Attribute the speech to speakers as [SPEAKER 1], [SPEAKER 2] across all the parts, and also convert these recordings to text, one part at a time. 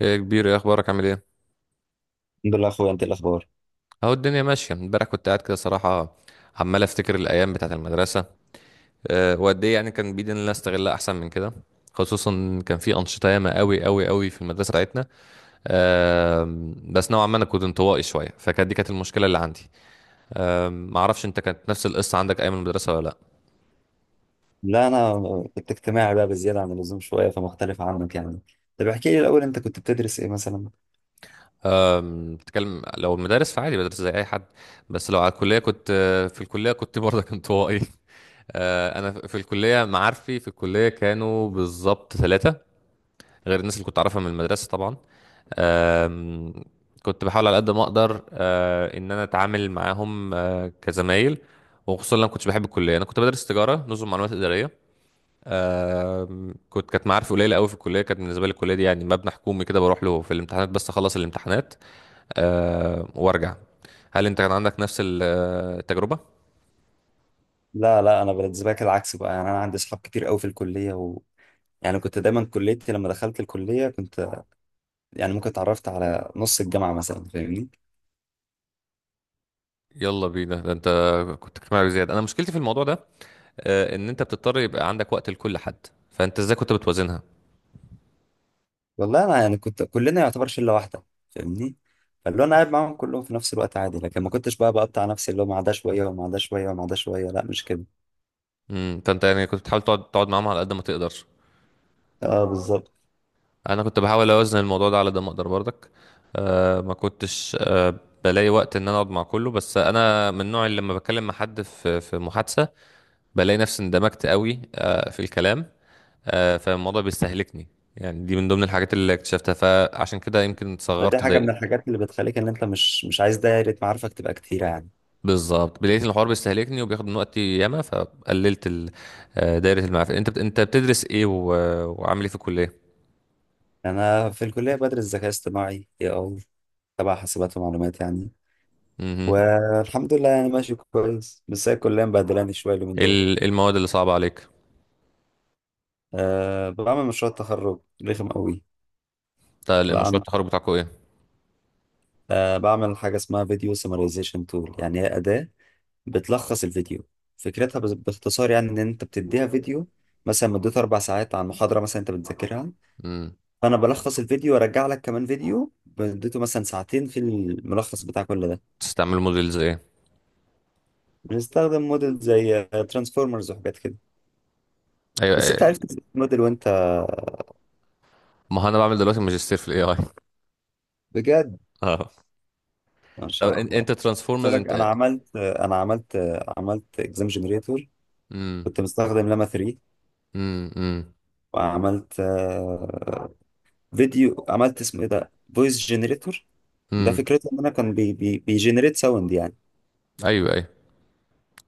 [SPEAKER 1] ايه يا كبير، ايه اخبارك؟ عامل ايه؟
[SPEAKER 2] الحمد لله يا اخويا، انت إيه الاخبار؟
[SPEAKER 1] اهو الدنيا ماشيه. امبارح كنت قاعد كده صراحه عمال افتكر الايام بتاعه المدرسه. وقد ايه يعني؟ كان بايدي ان انا استغلها احسن من كده، خصوصا كان في انشطه ياما قوي في المدرسه بتاعتنا. أه بس نوعا ما انا كنت انطوائي شويه، فكانت كانت المشكله اللي عندي. ما اعرفش انت، كانت نفس القصه عندك ايام المدرسه ولا لا؟
[SPEAKER 2] لا، انا كنت اجتماعي بقى بزياده عن اللزوم شويه، فمختلف عنك يعني. طب احكي لي الاول، انت كنت بتدرس ايه مثلا؟
[SPEAKER 1] بتكلم لو المدارس فعادي، بدرس زي اي حد. بس لو على الكليه كنت، في الكليه كنت برضه انطوائي. انا في الكليه، معارفي في الكليه كانوا بالظبط ثلاثه، غير الناس اللي كنت اعرفها من المدرسه طبعا. آم، كنت بحاول على قد ما اقدر، ان انا اتعامل معاهم، كزمايل، وخصوصا لما كنتش بحب الكليه. انا كنت بدرس تجاره، نظم معلومات اداريه. آم، كنت كانت معارفي قليله قوي في الكليه. كانت بالنسبه لي الكليه دي يعني مبنى حكومي كده، بروح له في الامتحانات بس، اخلص الامتحانات وارجع. هل انت كان عندك نفس التجربه؟
[SPEAKER 2] لا لا، انا بالنسبه لك العكس بقى، يعني انا عندي اصحاب كتير قوي في الكليه يعني كنت دايما، كليتي لما دخلت الكليه كنت، يعني ممكن اتعرفت على نص الجامعه مثلا، فاهمني.
[SPEAKER 1] يلا بينا، ده انت كنت اجتماعي زياده. انا مشكلتي في الموضوع ده ان انت بتضطر يبقى عندك وقت لكل حد، فانت ازاي كنت بتوازنها؟
[SPEAKER 2] والله انا يعني كنت، كلنا يعتبر شله واحده، فاهمني. فاللي هو انا قاعد معاهم كلهم في نفس الوقت عادي، لكن ما كنتش بقى بقطع نفسي اللي هو مع ده شويه ومع ده شويه ومع ده شويه، لا مش كده.
[SPEAKER 1] امم، فانت يعني كنت بتحاول تقعد معاهم على قد ما تقدر.
[SPEAKER 2] اه بالظبط.
[SPEAKER 1] انا كنت بحاول اوازن الموضوع ده على قد ما اقدر برضك. آه، ما كنتش آه، بلاقي وقت ان انا اقعد مع كله، بس انا من النوع اللي لما بتكلم مع حد في محادثه بلاقي نفسي اندمجت قوي في الكلام، فالموضوع بيستهلكني. يعني دي من ضمن الحاجات اللي اكتشفتها، فعشان كده يمكن
[SPEAKER 2] فدي
[SPEAKER 1] صغرت
[SPEAKER 2] حاجة من
[SPEAKER 1] دايرة.
[SPEAKER 2] الحاجات اللي بتخليك إن أنت مش عايز دايرة معارفك تبقى كتيرة يعني.
[SPEAKER 1] بالظبط، لقيت إن الحوار بيستهلكني وبياخد من وقتي ياما، فقللت دايرة المعرفة. انت بتدرس ايه وعامل ايه في الكلية؟
[SPEAKER 2] يعني أنا في الكلية بدرس ذكاء اصطناعي، اي أي، تبع حاسبات ومعلومات يعني.
[SPEAKER 1] مهم.
[SPEAKER 2] والحمد لله يعني ماشي كويس، بس هي الكلية مبهدلاني شوية اليومين دول.
[SPEAKER 1] إيه المواد اللي صعبة عليك؟
[SPEAKER 2] أه، بعمل مشروع تخرج رخم قوي.
[SPEAKER 1] بتاع المشروع
[SPEAKER 2] بعمل،
[SPEAKER 1] التخرج بتاعكم ايه؟
[SPEAKER 2] أه بعمل حاجة اسمها فيديو سمرايزيشن تول، يعني هي أداة بتلخص الفيديو. فكرتها باختصار يعني، إن أنت بتديها فيديو مثلا مدته أربع ساعات عن محاضرة مثلا أنت بتذاكرها.
[SPEAKER 1] مم.
[SPEAKER 2] فانا بلخص الفيديو وارجع لك كمان فيديو مدته مثلا ساعتين في الملخص بتاع كل ده.
[SPEAKER 1] بتستعملوا موديلز ايه؟
[SPEAKER 2] بنستخدم موديل زي ترانسفورمرز وحاجات كده.
[SPEAKER 1] ايوه،
[SPEAKER 2] بس انت
[SPEAKER 1] أيوة.
[SPEAKER 2] عرفت الموديل وانت؟
[SPEAKER 1] ما هو انا بعمل دلوقتي ماجستير في الاي اي.
[SPEAKER 2] بجد،
[SPEAKER 1] اه.
[SPEAKER 2] ما
[SPEAKER 1] طب
[SPEAKER 2] شاء الله.
[SPEAKER 1] انت
[SPEAKER 2] قلت
[SPEAKER 1] ترانسفورمرز
[SPEAKER 2] لك انا
[SPEAKER 1] انت.
[SPEAKER 2] عملت انا عملت عملت اكزام جنريتور.
[SPEAKER 1] امم.
[SPEAKER 2] كنت مستخدم لاما 3.
[SPEAKER 1] امم.
[SPEAKER 2] وعملت فيديو، عملت اسمه ايه ده، فويس جنريتور. ده
[SPEAKER 1] امم.
[SPEAKER 2] فكرته ان انا كان بي بي بيجنريت ساوند يعني.
[SPEAKER 1] ايوه ايوه.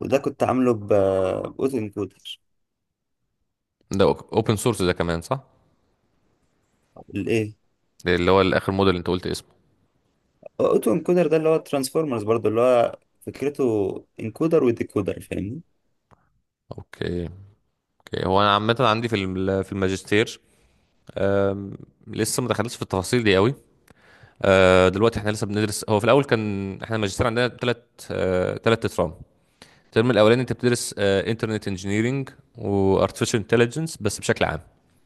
[SPEAKER 2] وده كنت عامله باوتو انكودر.
[SPEAKER 1] ده اوبن سورس ده كمان، صح؟
[SPEAKER 2] الايه؟
[SPEAKER 1] ده اللي هو الاخر موديل اللي انت قلت اسمه.
[SPEAKER 2] هو اوتو انكودر ده اللي هو ترانسفورمرز برضو، اللي هو فكرته انكودر وديكودر، فاهمني.
[SPEAKER 1] اوكي، اوكي. هو انا عامه عندي في الماجستير لسه ما دخلتش في التفاصيل دي قوي. دلوقتي احنا لسه بندرس، هو في الاول كان احنا الماجستير عندنا ثلاث اترام. الترم الاولاني انت بتدرس انترنت انجينيرنج وارتفيشال انتليجنس، بس بشكل عام،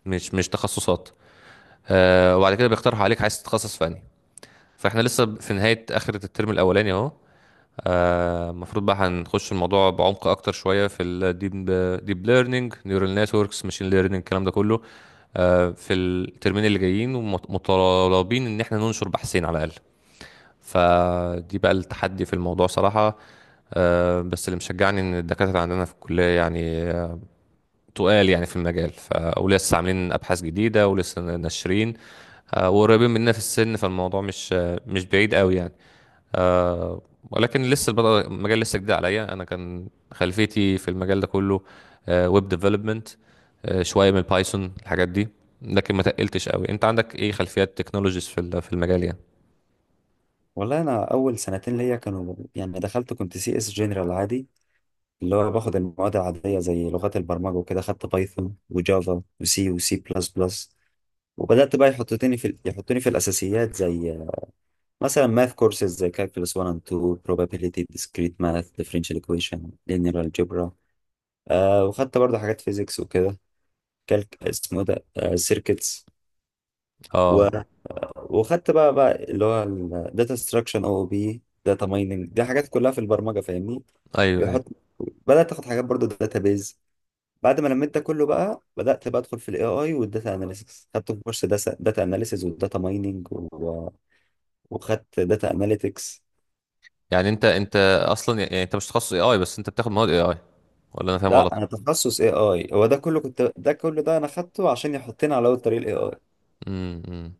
[SPEAKER 1] مش تخصصات. وبعد كده بيقترحوا عليك عايز تتخصص في انهي. فاحنا لسه في نهايه اخر الترم الاولاني اهو. المفروض بقى هنخش الموضوع بعمق اكتر شويه في الديب ليرنينج، نيورال نتوركس، ماشين ليرنينج، الكلام ده كله في الترمين اللي جايين، ومطالبين ان احنا ننشر بحثين على الاقل. فدي بقى التحدي في الموضوع صراحة. بس اللي مشجعني ان الدكاترة عندنا في الكلية يعني تقال يعني في المجال، ولسه عاملين ابحاث جديدة ولسه ناشرين، وقريبين مننا في السن، فالموضوع مش مش بعيد قوي يعني. آه ولكن لسه المجال لسه جديد عليا. انا كان خلفيتي في المجال ده كله ويب ديفلوبمنت، شويه من بايثون، الحاجات دي. لكن ما تقلتش قوي، انت عندك ايه خلفيات تكنولوجيز في المجال يعني؟
[SPEAKER 2] والله انا اول سنتين ليا كانوا، يعني دخلت كنت سي اس جنرال عادي، اللي هو باخد المواد العاديه زي لغات البرمجه وكده، خدت بايثون وجافا وسي وسي بلس بلس. وبدات بقى يحطوني في الاساسيات زي مثلا ماث كورسز زي كالكولس 1 and 2 probability discrete math differential equation linear algebra. آه، وخدت برضه حاجات فيزيكس وكده. كالك اسمه إيه ده، سيركتس.
[SPEAKER 1] اه.
[SPEAKER 2] وخدت بقى اللي هو الداتا ستراكشن او بي داتا مايننج، دي حاجات كلها في البرمجه فاهمني.
[SPEAKER 1] ايوه ايوه.
[SPEAKER 2] بيحط، بدات تاخد حاجات برضو داتا بيز. بعد ما لميت ده كله بقى، بدات بقى ادخل في الاي اي والداتا اناليسيس، خدت كورس داتا اناليسيس وداتا مايننج وخدت داتا اناليتكس.
[SPEAKER 1] يعني انت اصلا، يعني انت مش تخصص اي اي بس انت بتاخد مواد اي اي، ولا انا فاهم
[SPEAKER 2] لا،
[SPEAKER 1] غلط؟
[SPEAKER 2] انا تخصص اي اي. هو ده كله انا خدته عشان يحطني على اول طريق الاي اي.
[SPEAKER 1] امم.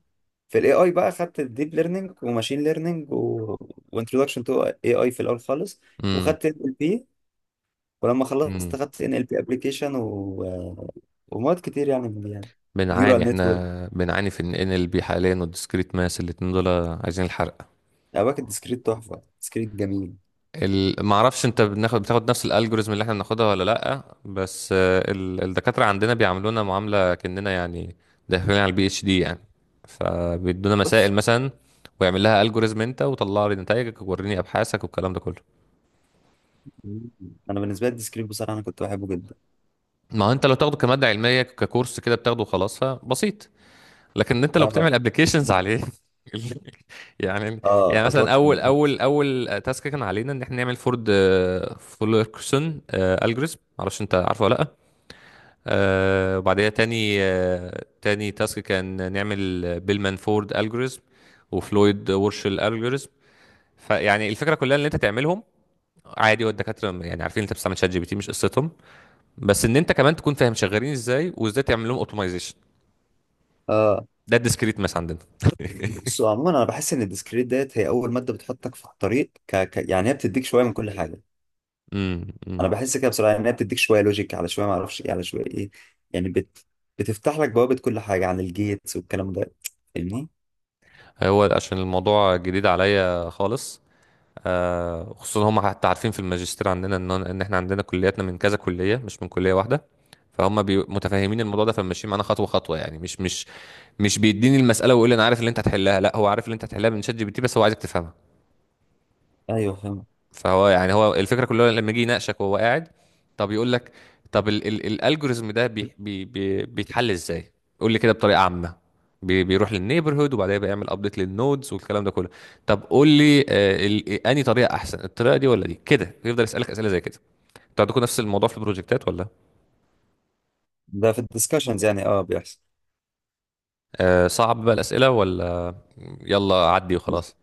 [SPEAKER 2] في الاي اي بقى خدت الديب ليرنينج وماشين ليرنينج وانتروداكشن تو اي اي في الاول خالص.
[SPEAKER 1] امم.
[SPEAKER 2] وخدت ال بي. ولما خلصت
[SPEAKER 1] امم.
[SPEAKER 2] خدت ان ال بي ابلكيشن ومواد كتير يعني من دي يعني.
[SPEAKER 1] بنعاني
[SPEAKER 2] نيورال نتورك.
[SPEAKER 1] احنا، بنعاني في ان ال بي حاليا، والديسكريت ماس، الاتنين دول عايزين الحرق.
[SPEAKER 2] باكت ديسكريت تحفه، ديسكريت جميل.
[SPEAKER 1] ما اعرفش انت بناخد، بتاخد نفس الالجوريزم اللي احنا بناخدها ولا لا، بس الدكاتره عندنا بيعاملونا معامله كاننا يعني داخلين على البي اتش دي يعني. فبيدونا مسائل
[SPEAKER 2] بص
[SPEAKER 1] مثلا، ويعمل لها الجوريزم انت، وطلع لي نتائجك، ووريني ابحاثك، والكلام ده كله.
[SPEAKER 2] انا بالنسبه لي الديسكريت بصراحه انا كنت بحبه جدا.
[SPEAKER 1] ما هو انت لو تاخده كماده علميه ككورس كده، بتاخده وخلاص فبسيط، لكن انت لو
[SPEAKER 2] اه.
[SPEAKER 1] بتعمل ابلكيشنز عليه. يعني، يعني
[SPEAKER 2] اه،
[SPEAKER 1] مثلا اول اول اول تاسك كان علينا ان احنا نعمل فورد فولكرسون الجوريزم، معرفش انت عارفه ولا لا. وبعدها تاني، تاني تاسك كان نعمل بيلمان فورد الجوريزم وفلويد وورشل الجوريزم. فيعني الفكره كلها ان انت تعملهم عادي، والدكاتره يعني عارفين انت بتستعمل شات جي بي تي، مش قصتهم، بس ان انت كمان تكون فاهم شغالين ازاي، وازاي تعمل لهم اوتومايزيشن.
[SPEAKER 2] اه.
[SPEAKER 1] ده الديسكريت ماس عندنا.
[SPEAKER 2] بص، هو عموما انا بحس ان الديسكريت ديت هي اول ماده بتحطك في الطريق، يعني هي بتديك شويه من كل حاجه.
[SPEAKER 1] امم، أمم.
[SPEAKER 2] انا بحس كده بصراحه ان هي بتديك شويه لوجيك، على شويه ما اعرفش ايه، على شويه ايه. يعني بتفتح لك بوابه كل حاجه عن الجيتس والكلام ده، فاهمني.
[SPEAKER 1] هو عشان الموضوع جديد عليا خالص، خصوصا هم حتى عارفين في الماجستير عندنا ان احنا عندنا كلياتنا من كذا كليه، مش من كليه واحده. فهم متفاهمين الموضوع ده، فماشيين معانا خطوه خطوه يعني، مش بيديني المساله ويقول لي انا عارف اللي انت هتحلها، لا، هو عارف اللي انت هتحلها من شات جي بي تي، بس هو عايزك تفهمها.
[SPEAKER 2] ايوه فاهم.
[SPEAKER 1] فهو يعني هو الفكره كلها لما يجي يناقشك وهو قاعد، طب يقول لك، طب ال الالجوريزم ده بي بي بي بيتحل ازاي؟ قول لي كده بطريقه عامه. بيروح للنيبرهود، وبعدين بيعمل ابديت للنودز والكلام ده كله. طب قول لي انهي طريقه احسن، الطريقه دي ولا دي كده؟ يفضل يسالك اسئله زي كده. انتوا عندكم نفس الموضوع في البروجكتات ولا؟
[SPEAKER 2] ده في الديسكشنز يعني، اه بيحصل.
[SPEAKER 1] آه، صعب بقى الاسئله ولا يلا عدي وخلاص؟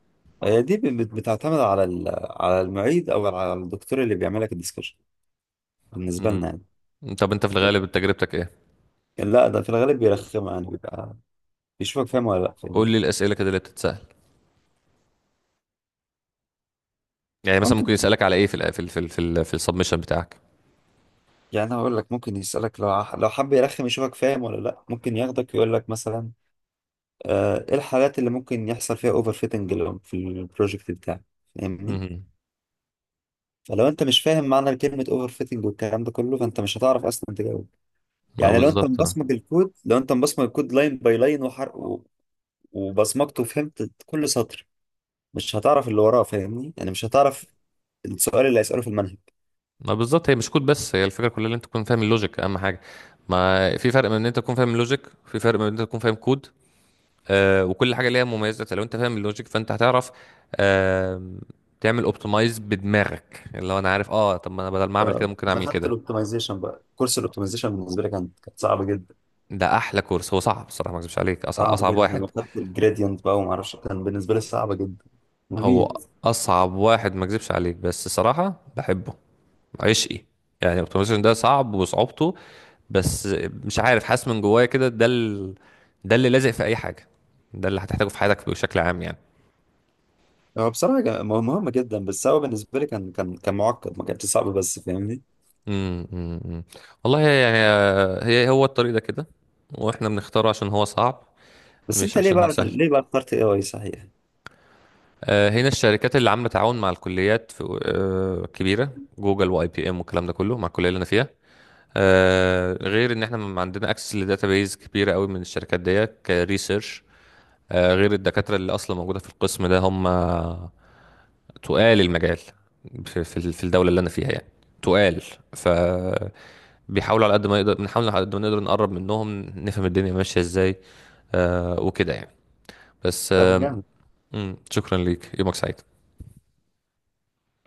[SPEAKER 2] هي دي بتعتمد على على المعيد او على الدكتور اللي بيعمل لك الديسكشن، بالنسبه
[SPEAKER 1] مم.
[SPEAKER 2] لنا يعني.
[SPEAKER 1] طب انت في الغالب تجربتك ايه؟
[SPEAKER 2] لكن لا، ده في الغالب بيرخم يعني، بيبقى بيشوفك فاهم ولا لا،
[SPEAKER 1] قول
[SPEAKER 2] فاهمني.
[SPEAKER 1] لي الاسئله كده اللي بتتسال. يعني مثلا
[SPEAKER 2] ممكن،
[SPEAKER 1] ممكن يسالك على ايه في ال في السبمشن بتاعك؟
[SPEAKER 2] يعني انا هقول لك، ممكن يسالك لو لو حب يرخم يشوفك فاهم ولا لا، ممكن ياخدك يقول لك مثلا ايه الحالات اللي ممكن يحصل فيها اوفر فيتنج في البروجكت بتاعك، فاهمني.
[SPEAKER 1] مم.
[SPEAKER 2] فلو انت مش فاهم معنى كلمه اوفر فيتنج والكلام ده كله، فانت مش هتعرف اصلا تجاوب.
[SPEAKER 1] ما
[SPEAKER 2] يعني لو انت
[SPEAKER 1] بالظبط، اه.
[SPEAKER 2] مبصمج الكود، لو انت مبصمج الكود لاين باي لاين وحرق وبصمجته وفهمت كل سطر، مش هتعرف اللي وراه فاهمني، يعني مش هتعرف السؤال اللي هيسأله في المنهج.
[SPEAKER 1] ما بالظبط، هي مش كود، بس هي الفكره كلها ان انت تكون فاهم اللوجيك، اهم حاجه. ما في فرق بين ان انت تكون فاهم اللوجيك، في فرق بين ان انت تكون فاهم كود. وكل حاجه ليها مميزات. لو انت فاهم اللوجيك فانت هتعرف آه تعمل اوبتمايز بدماغك، اللي هو انا عارف اه، طب ما انا بدل ما اعمل كده
[SPEAKER 2] آه،
[SPEAKER 1] ممكن
[SPEAKER 2] انا
[SPEAKER 1] اعمل
[SPEAKER 2] خدت
[SPEAKER 1] كده.
[SPEAKER 2] الاوبتمايزيشن بقى، كورس الاوبتمايزيشن بالنسبه لي كان، كانت صعبه جدا.
[SPEAKER 1] ده احلى كورس. هو صعب الصراحه، ما اكذبش عليك، اصعب
[SPEAKER 2] صعب
[SPEAKER 1] اصعب واحد.
[SPEAKER 2] جدا، وخدت الجريدينت بقى، وما اعرفش كان بالنسبه لي صعبه جدا،
[SPEAKER 1] هو
[SPEAKER 2] مميت.
[SPEAKER 1] اصعب واحد ما اكذبش عليك، بس الصراحه بحبه، عشقي. يعني الاوتوميشن ده صعب، وصعوبته بس، مش عارف، حاسس من جوايا كده ده ده اللي لازق في اي حاجه، ده اللي هتحتاجه في حياتك بشكل عام يعني.
[SPEAKER 2] هو بصراحه مهمه جدا، بس هو بالنسبه لي كان معقد، ما كانش صعب بس، فاهمني.
[SPEAKER 1] امم، أمم، أمم. والله يعني هي هو الطريق ده كده، واحنا بنختاره عشان هو صعب،
[SPEAKER 2] بس
[SPEAKER 1] مش
[SPEAKER 2] انت ليه
[SPEAKER 1] عشان هو
[SPEAKER 2] بقى،
[SPEAKER 1] سهل.
[SPEAKER 2] ليه بقى اخترت اي اي صحيح؟
[SPEAKER 1] هنا الشركات اللي عامله تعاون مع الكليات في كبيره، جوجل واي بي ام والكلام ده كله مع الكليه اللي انا فيها. غير ان احنا عندنا اكسس لداتابيز كبيره قوي من الشركات ديت كريسيرش. غير الدكاترة اللي أصلا موجودة في القسم ده، هم تقال المجال في الدولة اللي أنا فيها يعني، تقال. ف، بيحاولوا على قد ما يقدر، بنحاول على قد ما نقدر نقرب منهم، نفهم الدنيا ماشية ازاي وكده يعني، بس
[SPEAKER 2] طب
[SPEAKER 1] آه.
[SPEAKER 2] جامد.
[SPEAKER 1] مم، شكرا ليك، يومك سعيد.